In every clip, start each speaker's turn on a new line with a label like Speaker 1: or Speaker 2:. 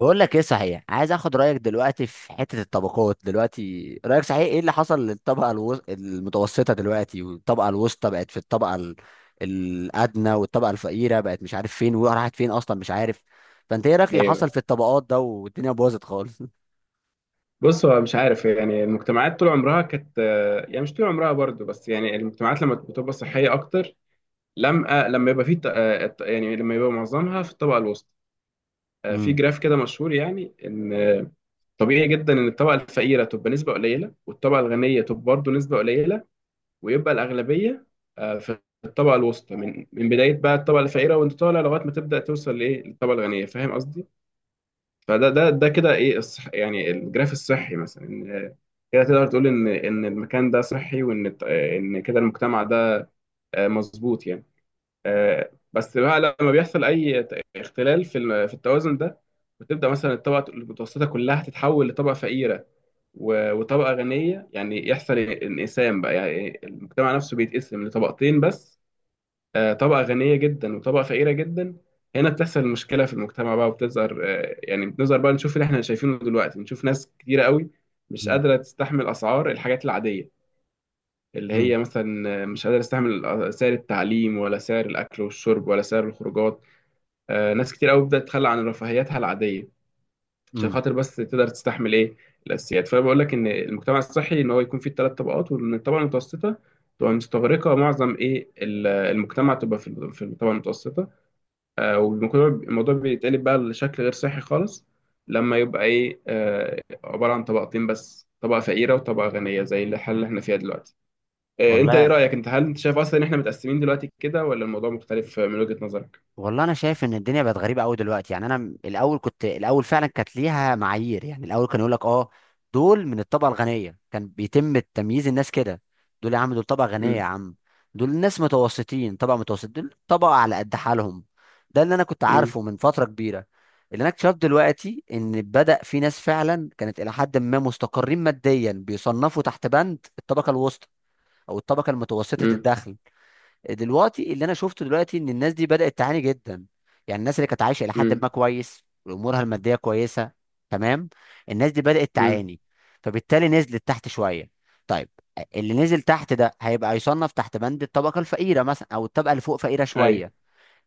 Speaker 1: بقول لك ايه صحيح، عايز اخد رايك دلوقتي في حته الطبقات. دلوقتي رايك صحيح ايه اللي حصل للطبقه المتوسطه دلوقتي؟ والطبقه الوسطى بقت في الطبقه الادنى، والطبقه الفقيره بقت مش عارف فين، وراحت فين اصلا مش عارف. فانت ايه رايك اللي حصل في
Speaker 2: ايوه.
Speaker 1: الطبقات ده؟ والدنيا باظت خالص.
Speaker 2: بص، هو مش عارف. يعني المجتمعات طول عمرها كانت، يعني مش طول عمرها برضو، بس يعني المجتمعات لما بتبقى صحيه اكتر، لما يبقى في يعني لما يبقى معظمها في الطبقه الوسطى. في
Speaker 1: امم.
Speaker 2: جراف كده مشهور، يعني ان طبيعي جدا ان الطبقه الفقيره تبقى نسبه قليله، والطبقه الغنيه تبقى برضو نسبه قليله، ويبقى الاغلبيه في الطبقه الوسطى، من بدايه بقى الطبقه الفقيره، وانت طالع لغايه ما تبدا توصل لايه، للطبقه الغنيه. فاهم قصدي؟ فده ده ده كده ايه الصح، يعني الجراف الصحي، مثلا ان كده تقدر تقول ان المكان ده صحي، وان ان كده المجتمع ده آه، مظبوط يعني. بس بقى لما بيحصل اي اختلال في في التوازن ده، بتبدا مثلا الطبقه المتوسطه كلها تتحول لطبقه فقيره وطبقه غنيه. يعني يحصل انقسام بقى، يعني المجتمع نفسه بيتقسم لطبقتين بس، طبقة غنية جدا وطبقة فقيرة جدا. هنا بتحصل المشكلة في المجتمع بقى وبتظهر. يعني بنظهر بقى، نشوف اللي احنا شايفينه دلوقتي، نشوف ناس كتيرة قوي مش قادرة تستحمل أسعار الحاجات العادية، اللي
Speaker 1: امم.
Speaker 2: هي مثلا مش قادرة تستحمل سعر التعليم ولا سعر الأكل والشرب ولا سعر الخروجات. ناس كتير قوي بدأت تتخلى عن رفاهياتها العادية، عشان
Speaker 1: امم.
Speaker 2: خاطر بس تقدر تستحمل إيه، الأساسيات. فأنا بقول لك إن المجتمع الصحي إن هو يكون فيه الثلاث طبقات، وإن الطبقة المتوسطة تبقى مستغرقة معظم إيه المجتمع، تبقى في الطبقة المتوسطة. والموضوع، الموضوع بيتقلب بقى لشكل غير صحي خالص، لما يبقى ايه، عبارة عن طبقتين بس، طبقة فقيرة وطبقة غنية، زي الحالة اللي احنا فيها دلوقتي. انت ايه
Speaker 1: والله
Speaker 2: رأيك؟ انت هل انت شايف اصلا ان احنا متقسمين دلوقتي كده، ولا الموضوع مختلف من وجهة نظرك؟
Speaker 1: والله انا شايف ان الدنيا بقت غريبه قوي دلوقتي. يعني انا الاول كنت، الاول فعلا كانت ليها معايير. يعني الاول كان يقول لك اه دول من الطبقه الغنيه، كان بيتم تمييز الناس كده. دول يا عم دول طبقه غنيه يا
Speaker 2: امم
Speaker 1: عم، دول ناس متوسطين طبقه متوسط، دول طبقه على قد حالهم. ده اللي انا كنت
Speaker 2: امم
Speaker 1: عارفه من فتره كبيره. اللي انا اكتشفت دلوقتي ان بدأ في ناس فعلا كانت الى حد ما مستقرين ماديا بيصنفوا تحت بند الطبقه الوسطى او الطبقه المتوسطه
Speaker 2: امم
Speaker 1: الدخل. دلوقتي اللي انا شفته دلوقتي ان الناس دي بدأت تعاني جدا. يعني الناس اللي كانت عايشة الى حد
Speaker 2: امم
Speaker 1: ما كويس وامورها المادية كويسة، تمام، الناس دي بدأت
Speaker 2: امم
Speaker 1: تعاني، فبالتالي نزلت تحت شوية. طيب، اللي نزل تحت ده هيبقى يصنف تحت بند الطبقة الفقيرة مثلا، او الطبقة اللي فوق فقيرة
Speaker 2: ايوه،
Speaker 1: شوية.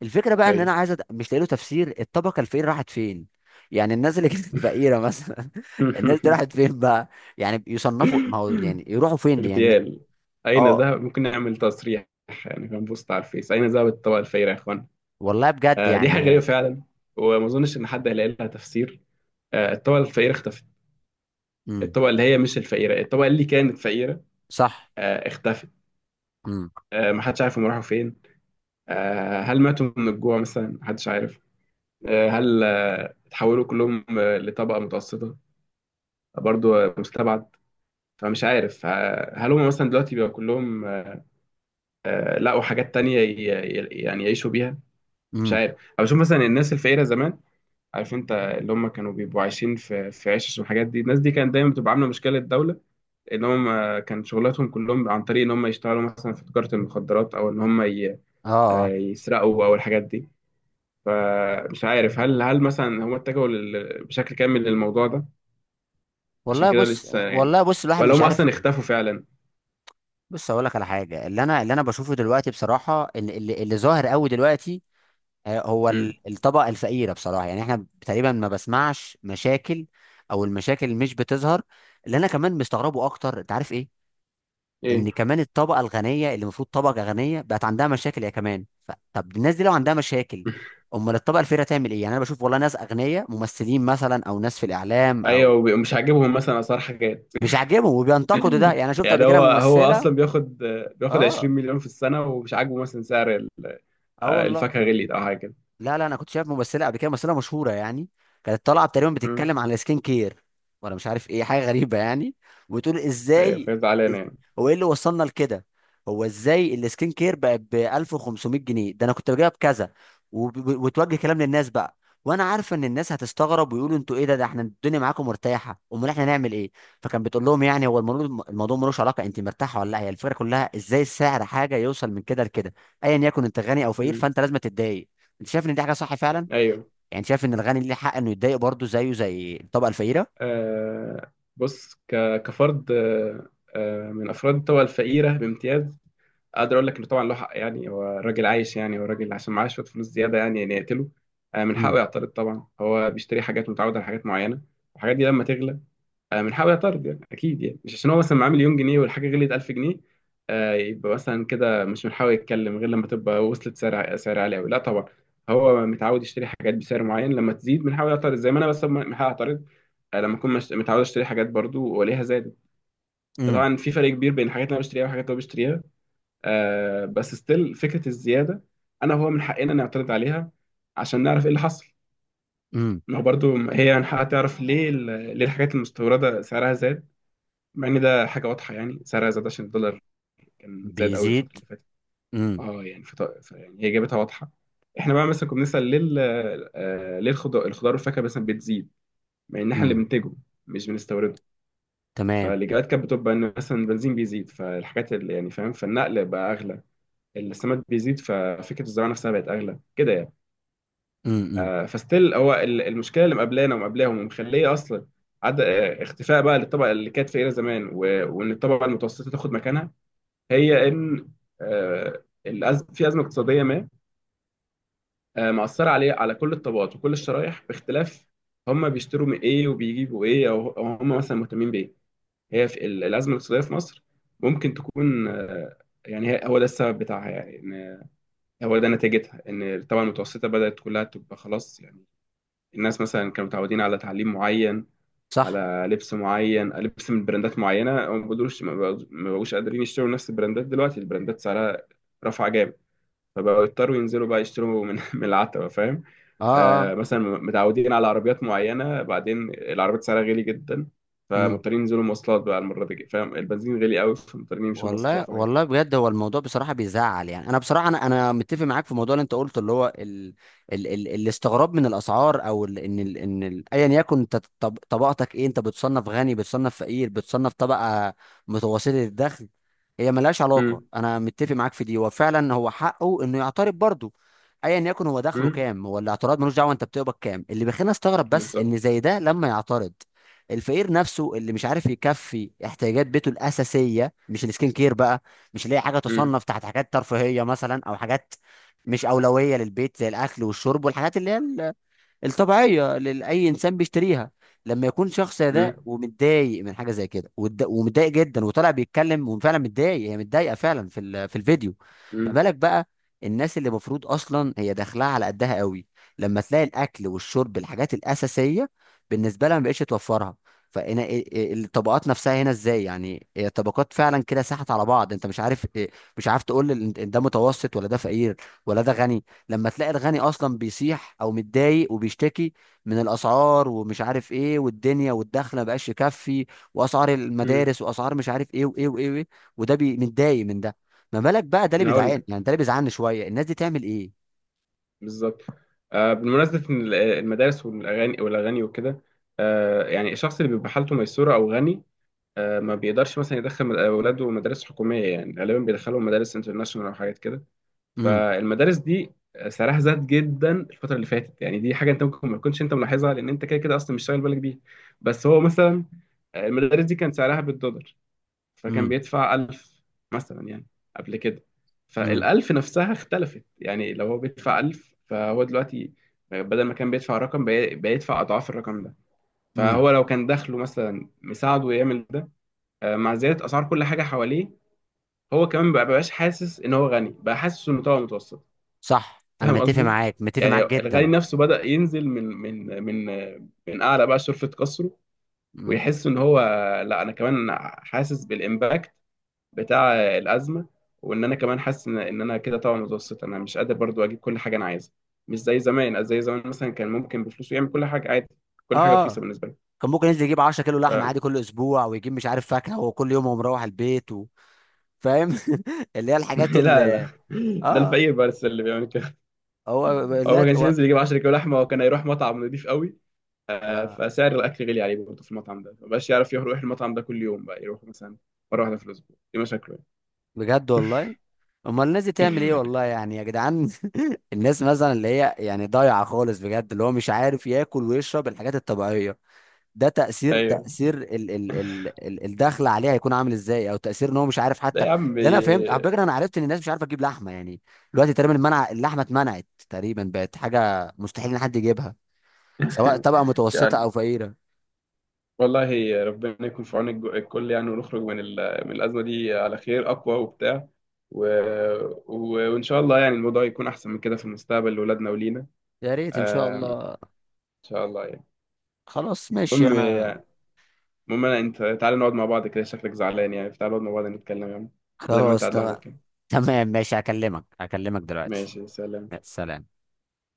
Speaker 1: الفكرة بقى ان
Speaker 2: ايوه.
Speaker 1: انا عايز مش لاقي له تفسير، الطبقة الفقيرة راحت فين؟ يعني الناس اللي كانت فقيرة مثلا الناس دي راحت فين بقى؟ يعني يصنفوا، ما هو يعني يروحوا فين دي يعني؟
Speaker 2: اغتيال. اين
Speaker 1: اه.
Speaker 2: ذهب؟ ممكن نعمل تصريح يعني، هنبوست على الفيس: اين ذهبت الطبقة الفقيرة يا اخوان؟
Speaker 1: والله بجد
Speaker 2: دي حاجة غريبة
Speaker 1: يعني.
Speaker 2: فعلا، وما اظنش ان حد هيلاقي لها تفسير. الطبقة الفقيرة اختفت.
Speaker 1: مم.
Speaker 2: الطبقة اللي هي مش الفقيرة، الطبقة اللي كانت فقيرة
Speaker 1: صح.
Speaker 2: اختفت.
Speaker 1: امم.
Speaker 2: محدش عارف هم راحوا فين. هل ماتوا من الجوع مثلا؟ محدش عارف. هل اتحولوا كلهم لطبقة متوسطة؟ برضو مستبعد. فمش عارف، هل هم مثلا دلوقتي بقى كلهم لقوا حاجات تانية يعني يعيشوا بيها؟ مش
Speaker 1: امم.
Speaker 2: عارف. أو بشوف مثلا الناس الفقيرة زمان، عارف انت، اللي هم كانوا بيبقوا عايشين في عشش والحاجات دي، الناس دي كانت دايما بتبقى عاملة مشكلة الدولة، اللي هم كان شغلاتهم كلهم عن طريق ان هم يشتغلوا مثلا في تجارة المخدرات، او ان هم
Speaker 1: اه اه.
Speaker 2: يسرقوا، او الحاجات دي. فمش عارف هل هل مثلا هم اتجهوا بشكل كامل للموضوع ده، عشان
Speaker 1: والله
Speaker 2: كده
Speaker 1: بص،
Speaker 2: لسه يعني،
Speaker 1: والله بص الواحد
Speaker 2: ولا
Speaker 1: مش
Speaker 2: هم
Speaker 1: عارف.
Speaker 2: اصلا اختفوا فعلا.
Speaker 1: بص اقول لك على حاجه، اللي انا، اللي انا بشوفه دلوقتي بصراحه، اللي ظاهر قوي دلوقتي، هو
Speaker 2: مم.
Speaker 1: الطبقه الفقيره بصراحه، يعني احنا تقريبا ما بسمعش مشاكل، او المشاكل مش بتظهر. اللي انا كمان مستغربه اكتر انت عارف ايه؟ ان
Speaker 2: ايه؟
Speaker 1: كمان الطبقه الغنيه اللي المفروض طبقه غنيه بقت عندها مشاكل يا كمان. طب الناس دي لو عندها مشاكل، امال الطبقه الفقيره تعمل ايه؟ يعني انا بشوف والله ناس اغنياء، ممثلين مثلا، او ناس في الاعلام، او
Speaker 2: ايوه، مش عاجبهم مثلا اسعار حاجات.
Speaker 1: مش عاجبهم وبينتقدوا ده. يعني انا شفت
Speaker 2: يعني
Speaker 1: قبل كده
Speaker 2: هو هو
Speaker 1: ممثله.
Speaker 2: اصلا بياخد، بياخد 20
Speaker 1: اه
Speaker 2: مليون في السنة، ومش عاجبه مثلا سعر
Speaker 1: اه والله.
Speaker 2: الفاكهة غليت او حاجة كده.
Speaker 1: لا لا انا كنت شايف ممثله قبل كده، ممثله مشهوره يعني، كانت طالعه تقريبا
Speaker 2: مم.
Speaker 1: بتتكلم عن السكين كير، ولا مش عارف ايه حاجه غريبه يعني. وتقول
Speaker 2: ايوه،
Speaker 1: ازاي،
Speaker 2: فهي زعلانة
Speaker 1: إز-
Speaker 2: يعني.
Speaker 1: هو ايه اللي وصلنا لكده؟ هو ازاي السكين كير بقى ب 1500 جنيه، ده انا كنت بجيبها بكذا. وتوجه كلام للناس بقى، وانا عارفه ان الناس هتستغرب ويقولوا انتوا ايه ده، ده احنا الدنيا معاكم مرتاحه، امال احنا نعمل ايه؟ فكان بتقول لهم يعني هو الموضوع، الموضوع ملوش علاقه انت مرتاحه ولا لا، هي الفكره كلها ازاي السعر حاجه يوصل من كده لكده؟ ايا يكن انت غني او فقير
Speaker 2: مم.
Speaker 1: فانت لازم تتضايق. انت شايف ان دي حاجه صح فعلا؟
Speaker 2: ايوه.
Speaker 1: يعني شايف ان الغني ليه حق انه يتضايق برضه زيه زي الطبقه الفقيره؟
Speaker 2: بص، كفرد من افراد الطبقه الفقيره بامتياز، اقدر اقول لك انه طبعا له حق. يعني هو راجل عايش، يعني هو راجل عشان معاه شويه فلوس زياده، يعني يعني يقتله؟ من حقه
Speaker 1: امم.
Speaker 2: يعترض طبعا. هو بيشتري حاجات، متعود على حاجات معينه، الحاجات دي لما تغلى من حق طرد يعني، اكيد يعني. مش عشان هو مثلا معاه مليون جنيه والحاجه غليت 1000 جنيه يبقى مثلا كده مش من حقه يتكلم، غير لما تبقى وصلت سعر، سعر عالي قوي. لا طبعا، هو متعود يشتري حاجات بسعر معين، لما تزيد من حقه يعترض، زي ما انا بس من حقي اعترض لما اكون متعود اشتري حاجات برضو والاقيها زادت.
Speaker 1: امم.
Speaker 2: طبعا في فرق كبير بين الحاجات اللي انا بشتريها والحاجات اللي هو بيشتريها، بس ستيل فكره الزياده، انا هو من حقنا نعترض عليها عشان نعرف ايه اللي حصل.
Speaker 1: امم.
Speaker 2: ما هو برضو هي من حقها تعرف ليه ليه الحاجات المستورده سعرها زاد، مع ان ده حاجه واضحه يعني، سعرها زاد عشان الدولار كان زاد قوي الفتره
Speaker 1: بيزيد.
Speaker 2: اللي فاتت.
Speaker 1: امم.
Speaker 2: اه يعني يعني هي جابتها واضحه. احنا بقى مثلا كنا بنسال ليه ليه الخضار، الخضار والفاكهه مثلا بتزيد، مع ان احنا اللي
Speaker 1: امم.
Speaker 2: بننتجه مش بنستورده.
Speaker 1: تمام.
Speaker 2: فالاجابات كانت بتبقى ان مثلا البنزين بيزيد، فالحاجات اللي يعني، فاهم، فالنقل بقى اغلى، السماد بيزيد ففكره الزراعه نفسها بقت اغلى كده يعني.
Speaker 1: امم. امم.
Speaker 2: آه، فستيل هو المشكله اللي مقابلانا ومقابلاهم، ومخليه اصلا عد... آه، اختفاء بقى للطبقه اللي كانت فقيره زمان، و... وان الطبقه المتوسطه تاخد مكانها، هي ان في ازمه اقتصاديه ما مأثره عليه، على كل الطبقات وكل الشرايح، باختلاف هم بيشتروا من ايه، وبيجيبوا ايه، او أو هم مثلا مهتمين بايه. هي في الازمه الاقتصاديه في مصر، ممكن تكون يعني هو ده السبب بتاعها، يعني ان هو ده نتيجتها، ان طبعا المتوسطه بدأت كلها تبقى خلاص يعني. الناس مثلا كانوا متعودين على تعليم معين،
Speaker 1: صح.
Speaker 2: على لبس معين، لبس من براندات معينه، هم ما بقدروش، ما بقوش قادرين يشتروا نفس البراندات دلوقتي. البراندات سعرها رفع جامد، فبقوا يضطروا ينزلوا بقى يشتروا من من العتبة، فاهم. آه
Speaker 1: اه
Speaker 2: مثلا متعودين على عربيات معينة، بعدين العربيات سعرها غالي جدا،
Speaker 1: اه.
Speaker 2: فمضطرين ينزلوا مواصلات بقى المرة دي، فاهم، البنزين غالي قوي، فمضطرين يمشوا
Speaker 1: والله
Speaker 2: مواصلات وحاجات
Speaker 1: والله
Speaker 2: كده.
Speaker 1: بجد هو الموضوع بصراحه بيزعل. يعني انا بصراحه انا انا متفق معاك في الموضوع اللي انت قلته، اللي هو الاستغراب من الاسعار. او ايا يكن انت طبقتك ايه، انت بتصنف غني، بتصنف فقير، بتصنف طبقه متوسطه الدخل، هي ملهاش علاقه.
Speaker 2: امم
Speaker 1: انا متفق معاك في دي، وفعلا هو حقه انه يعترض برضه، ايا يكن هو دخله
Speaker 2: امم
Speaker 1: كام. هو الاعتراض ملوش دعوه انت بتقبض كام. اللي بيخلينا استغرب بس ان
Speaker 2: بالظبط.
Speaker 1: زي ده لما يعترض، الفقير نفسه اللي مش عارف يكفي احتياجات بيته الاساسيه، مش السكين كير بقى، مش اللي هي حاجه
Speaker 2: امم
Speaker 1: تصنف تحت حاجات ترفيهيه مثلا، او حاجات مش اولويه للبيت زي الاكل والشرب والحاجات اللي هي الطبيعية اللي أي إنسان بيشتريها. لما يكون شخص ده
Speaker 2: امم
Speaker 1: ومتضايق من حاجة زي كده، ومتضايق جدا وطالع بيتكلم وفعلا متضايق، هي متضايقة فعلا في في الفيديو، ما
Speaker 2: امم
Speaker 1: بالك بقى الناس اللي المفروض أصلا هي داخلها على قدها قوي؟ لما تلاقي الأكل والشرب الحاجات الأساسية بالنسبة لها ما بقتش توفرها. فهنا إيه الطبقات نفسها هنا ازاي؟ يعني هي الطبقات فعلا كده ساحت على بعض. انت مش عارف مش عارف تقول ده متوسط، ولا ده فقير، ولا ده غني، لما تلاقي الغني اصلا بيسيح او متضايق وبيشتكي من الاسعار ومش عارف ايه والدنيا، والدخل ما بقاش يكفي، واسعار
Speaker 2: امم
Speaker 1: المدارس، واسعار مش عارف ايه وايه وايه، وإيه. وده بي متضايق من ده، ما بالك بقى؟ ده اللي
Speaker 2: انا هقول
Speaker 1: بيزعل
Speaker 2: لك.
Speaker 1: يعني، ده اللي بيزعلني شويه، الناس دي تعمل ايه؟
Speaker 2: بالظبط. آه، بالمناسبة إن المدارس والاغاني والاغاني وكده، آه يعني الشخص اللي بيبقى حالته ميسورة او غني، آه ما بيقدرش مثلا يدخل اولاده مدارس حكومية، يعني غالبا بيدخلهم مدارس انترناشونال او حاجات كده.
Speaker 1: امم.
Speaker 2: فالمدارس دي سعرها زاد جدا الفترة اللي فاتت، يعني دي حاجة انت ممكن ما تكونش انت ملاحظها لان انت كده كده اصلا مش شاغل بالك بيها. بس هو مثلا المدارس دي كان سعرها بالدولار، فكان
Speaker 1: امم.
Speaker 2: بيدفع 1000 مثلا يعني قبل كده.
Speaker 1: امم.
Speaker 2: فالألف نفسها اختلفت، يعني لو هو بيدفع 1000، فهو دلوقتي بدل ما كان بيدفع رقم، بيدفع أضعاف الرقم ده.
Speaker 1: امم.
Speaker 2: فهو لو كان دخله مثلا مساعده يعمل ده، مع زيادة أسعار كل حاجة حواليه، هو كمان مبقاش حاسس إن هو غني، بقى حاسس إنه طبقة متوسطة.
Speaker 1: صح، انا
Speaker 2: فاهم
Speaker 1: متفق
Speaker 2: قصدي؟
Speaker 1: معاك، متفق
Speaker 2: يعني
Speaker 1: معاك
Speaker 2: الغني
Speaker 1: جدا.
Speaker 2: نفسه بدأ ينزل من من من أعلى بقى، شرفة قصره،
Speaker 1: امم.
Speaker 2: ويحس إن هو، لا أنا كمان حاسس بالإمباكت بتاع الأزمة، وإن أنا كمان حاسس إن إن أنا كده طبعا متوسط. أنا مش قادر برضو أجيب كل حاجة أنا عايزها مش زي زمان. زي زمان مثلا كان ممكن بفلوسه يعمل كل حاجة عادي،
Speaker 1: اه.
Speaker 2: كل حاجة رخيصة
Speaker 1: آه.
Speaker 2: بالنسبة له.
Speaker 1: كان ممكن ينزل يجيب 10 كيلو لحمه عادي
Speaker 2: ف...
Speaker 1: كل اسبوع، ويجيب مش عارف فاكهه، وكل يوم هو مروح البيت و... فاهم؟ اللي هي الحاجات
Speaker 2: لا، لا،
Speaker 1: اللي،
Speaker 2: ده
Speaker 1: اه.
Speaker 2: الفقير بس اللي بيعمل كده.
Speaker 1: هو،
Speaker 2: هو ما كانش
Speaker 1: لا.
Speaker 2: ينزل يجيب 10 كيلو لحمة، وكان هيروح مطعم نضيف قوي. آه،
Speaker 1: آه.
Speaker 2: فسعر الاكل غالي عليه برضه. في المطعم ده مبقاش يعرف يروح المطعم ده كل يوم، بقى يروح مثلا مره واحده في الاسبوع. دي مشاكله
Speaker 1: بجد والله، امال الناس دي تعمل ايه
Speaker 2: يعني.
Speaker 1: والله يعني يا جدعان؟ الناس مثلا اللي هي يعني ضايعه خالص بجد، اللي هو مش عارف ياكل ويشرب الحاجات الطبيعيه، ده تاثير،
Speaker 2: ايوه،
Speaker 1: تاثير ال ال ال ال الدخل عليه هيكون عامل ازاي؟ او تاثير ان هو مش عارف
Speaker 2: ده
Speaker 1: حتى.
Speaker 2: يا عم.
Speaker 1: اللي انا فهمت على فكره، انا عرفت ان الناس مش عارفه تجيب لحمه يعني. دلوقتي تقريبا المنع، اللحمه اتمنعت تقريبا، بقت حاجه مستحيل ان حد يجيبها، سواء طبقه متوسطه
Speaker 2: يعني،
Speaker 1: او فقيره.
Speaker 2: والله ربنا يكون في عون الكل يعني، ونخرج من من الازمه دي على خير اقوى وبتاع. و... و... وان شاء الله يعني الموضوع يكون احسن من كده في المستقبل لاولادنا ولينا.
Speaker 1: يا ريت ان شاء
Speaker 2: ان
Speaker 1: الله.
Speaker 2: شاء الله يعني.
Speaker 1: خلاص ماشي
Speaker 2: المهم،
Speaker 1: انا.
Speaker 2: المهم انت تعالى نقعد مع بعض كده، شكلك زعلان يعني. تعالى نقعد مع بعض نتكلم يعني، بدل ما انت
Speaker 1: خلاص
Speaker 2: قاعد
Speaker 1: تمام.
Speaker 2: لوحدك كده.
Speaker 1: تمام ماشي، هكلمك، هكلمك دلوقتي.
Speaker 2: ماشي، سلام.
Speaker 1: يا سلام.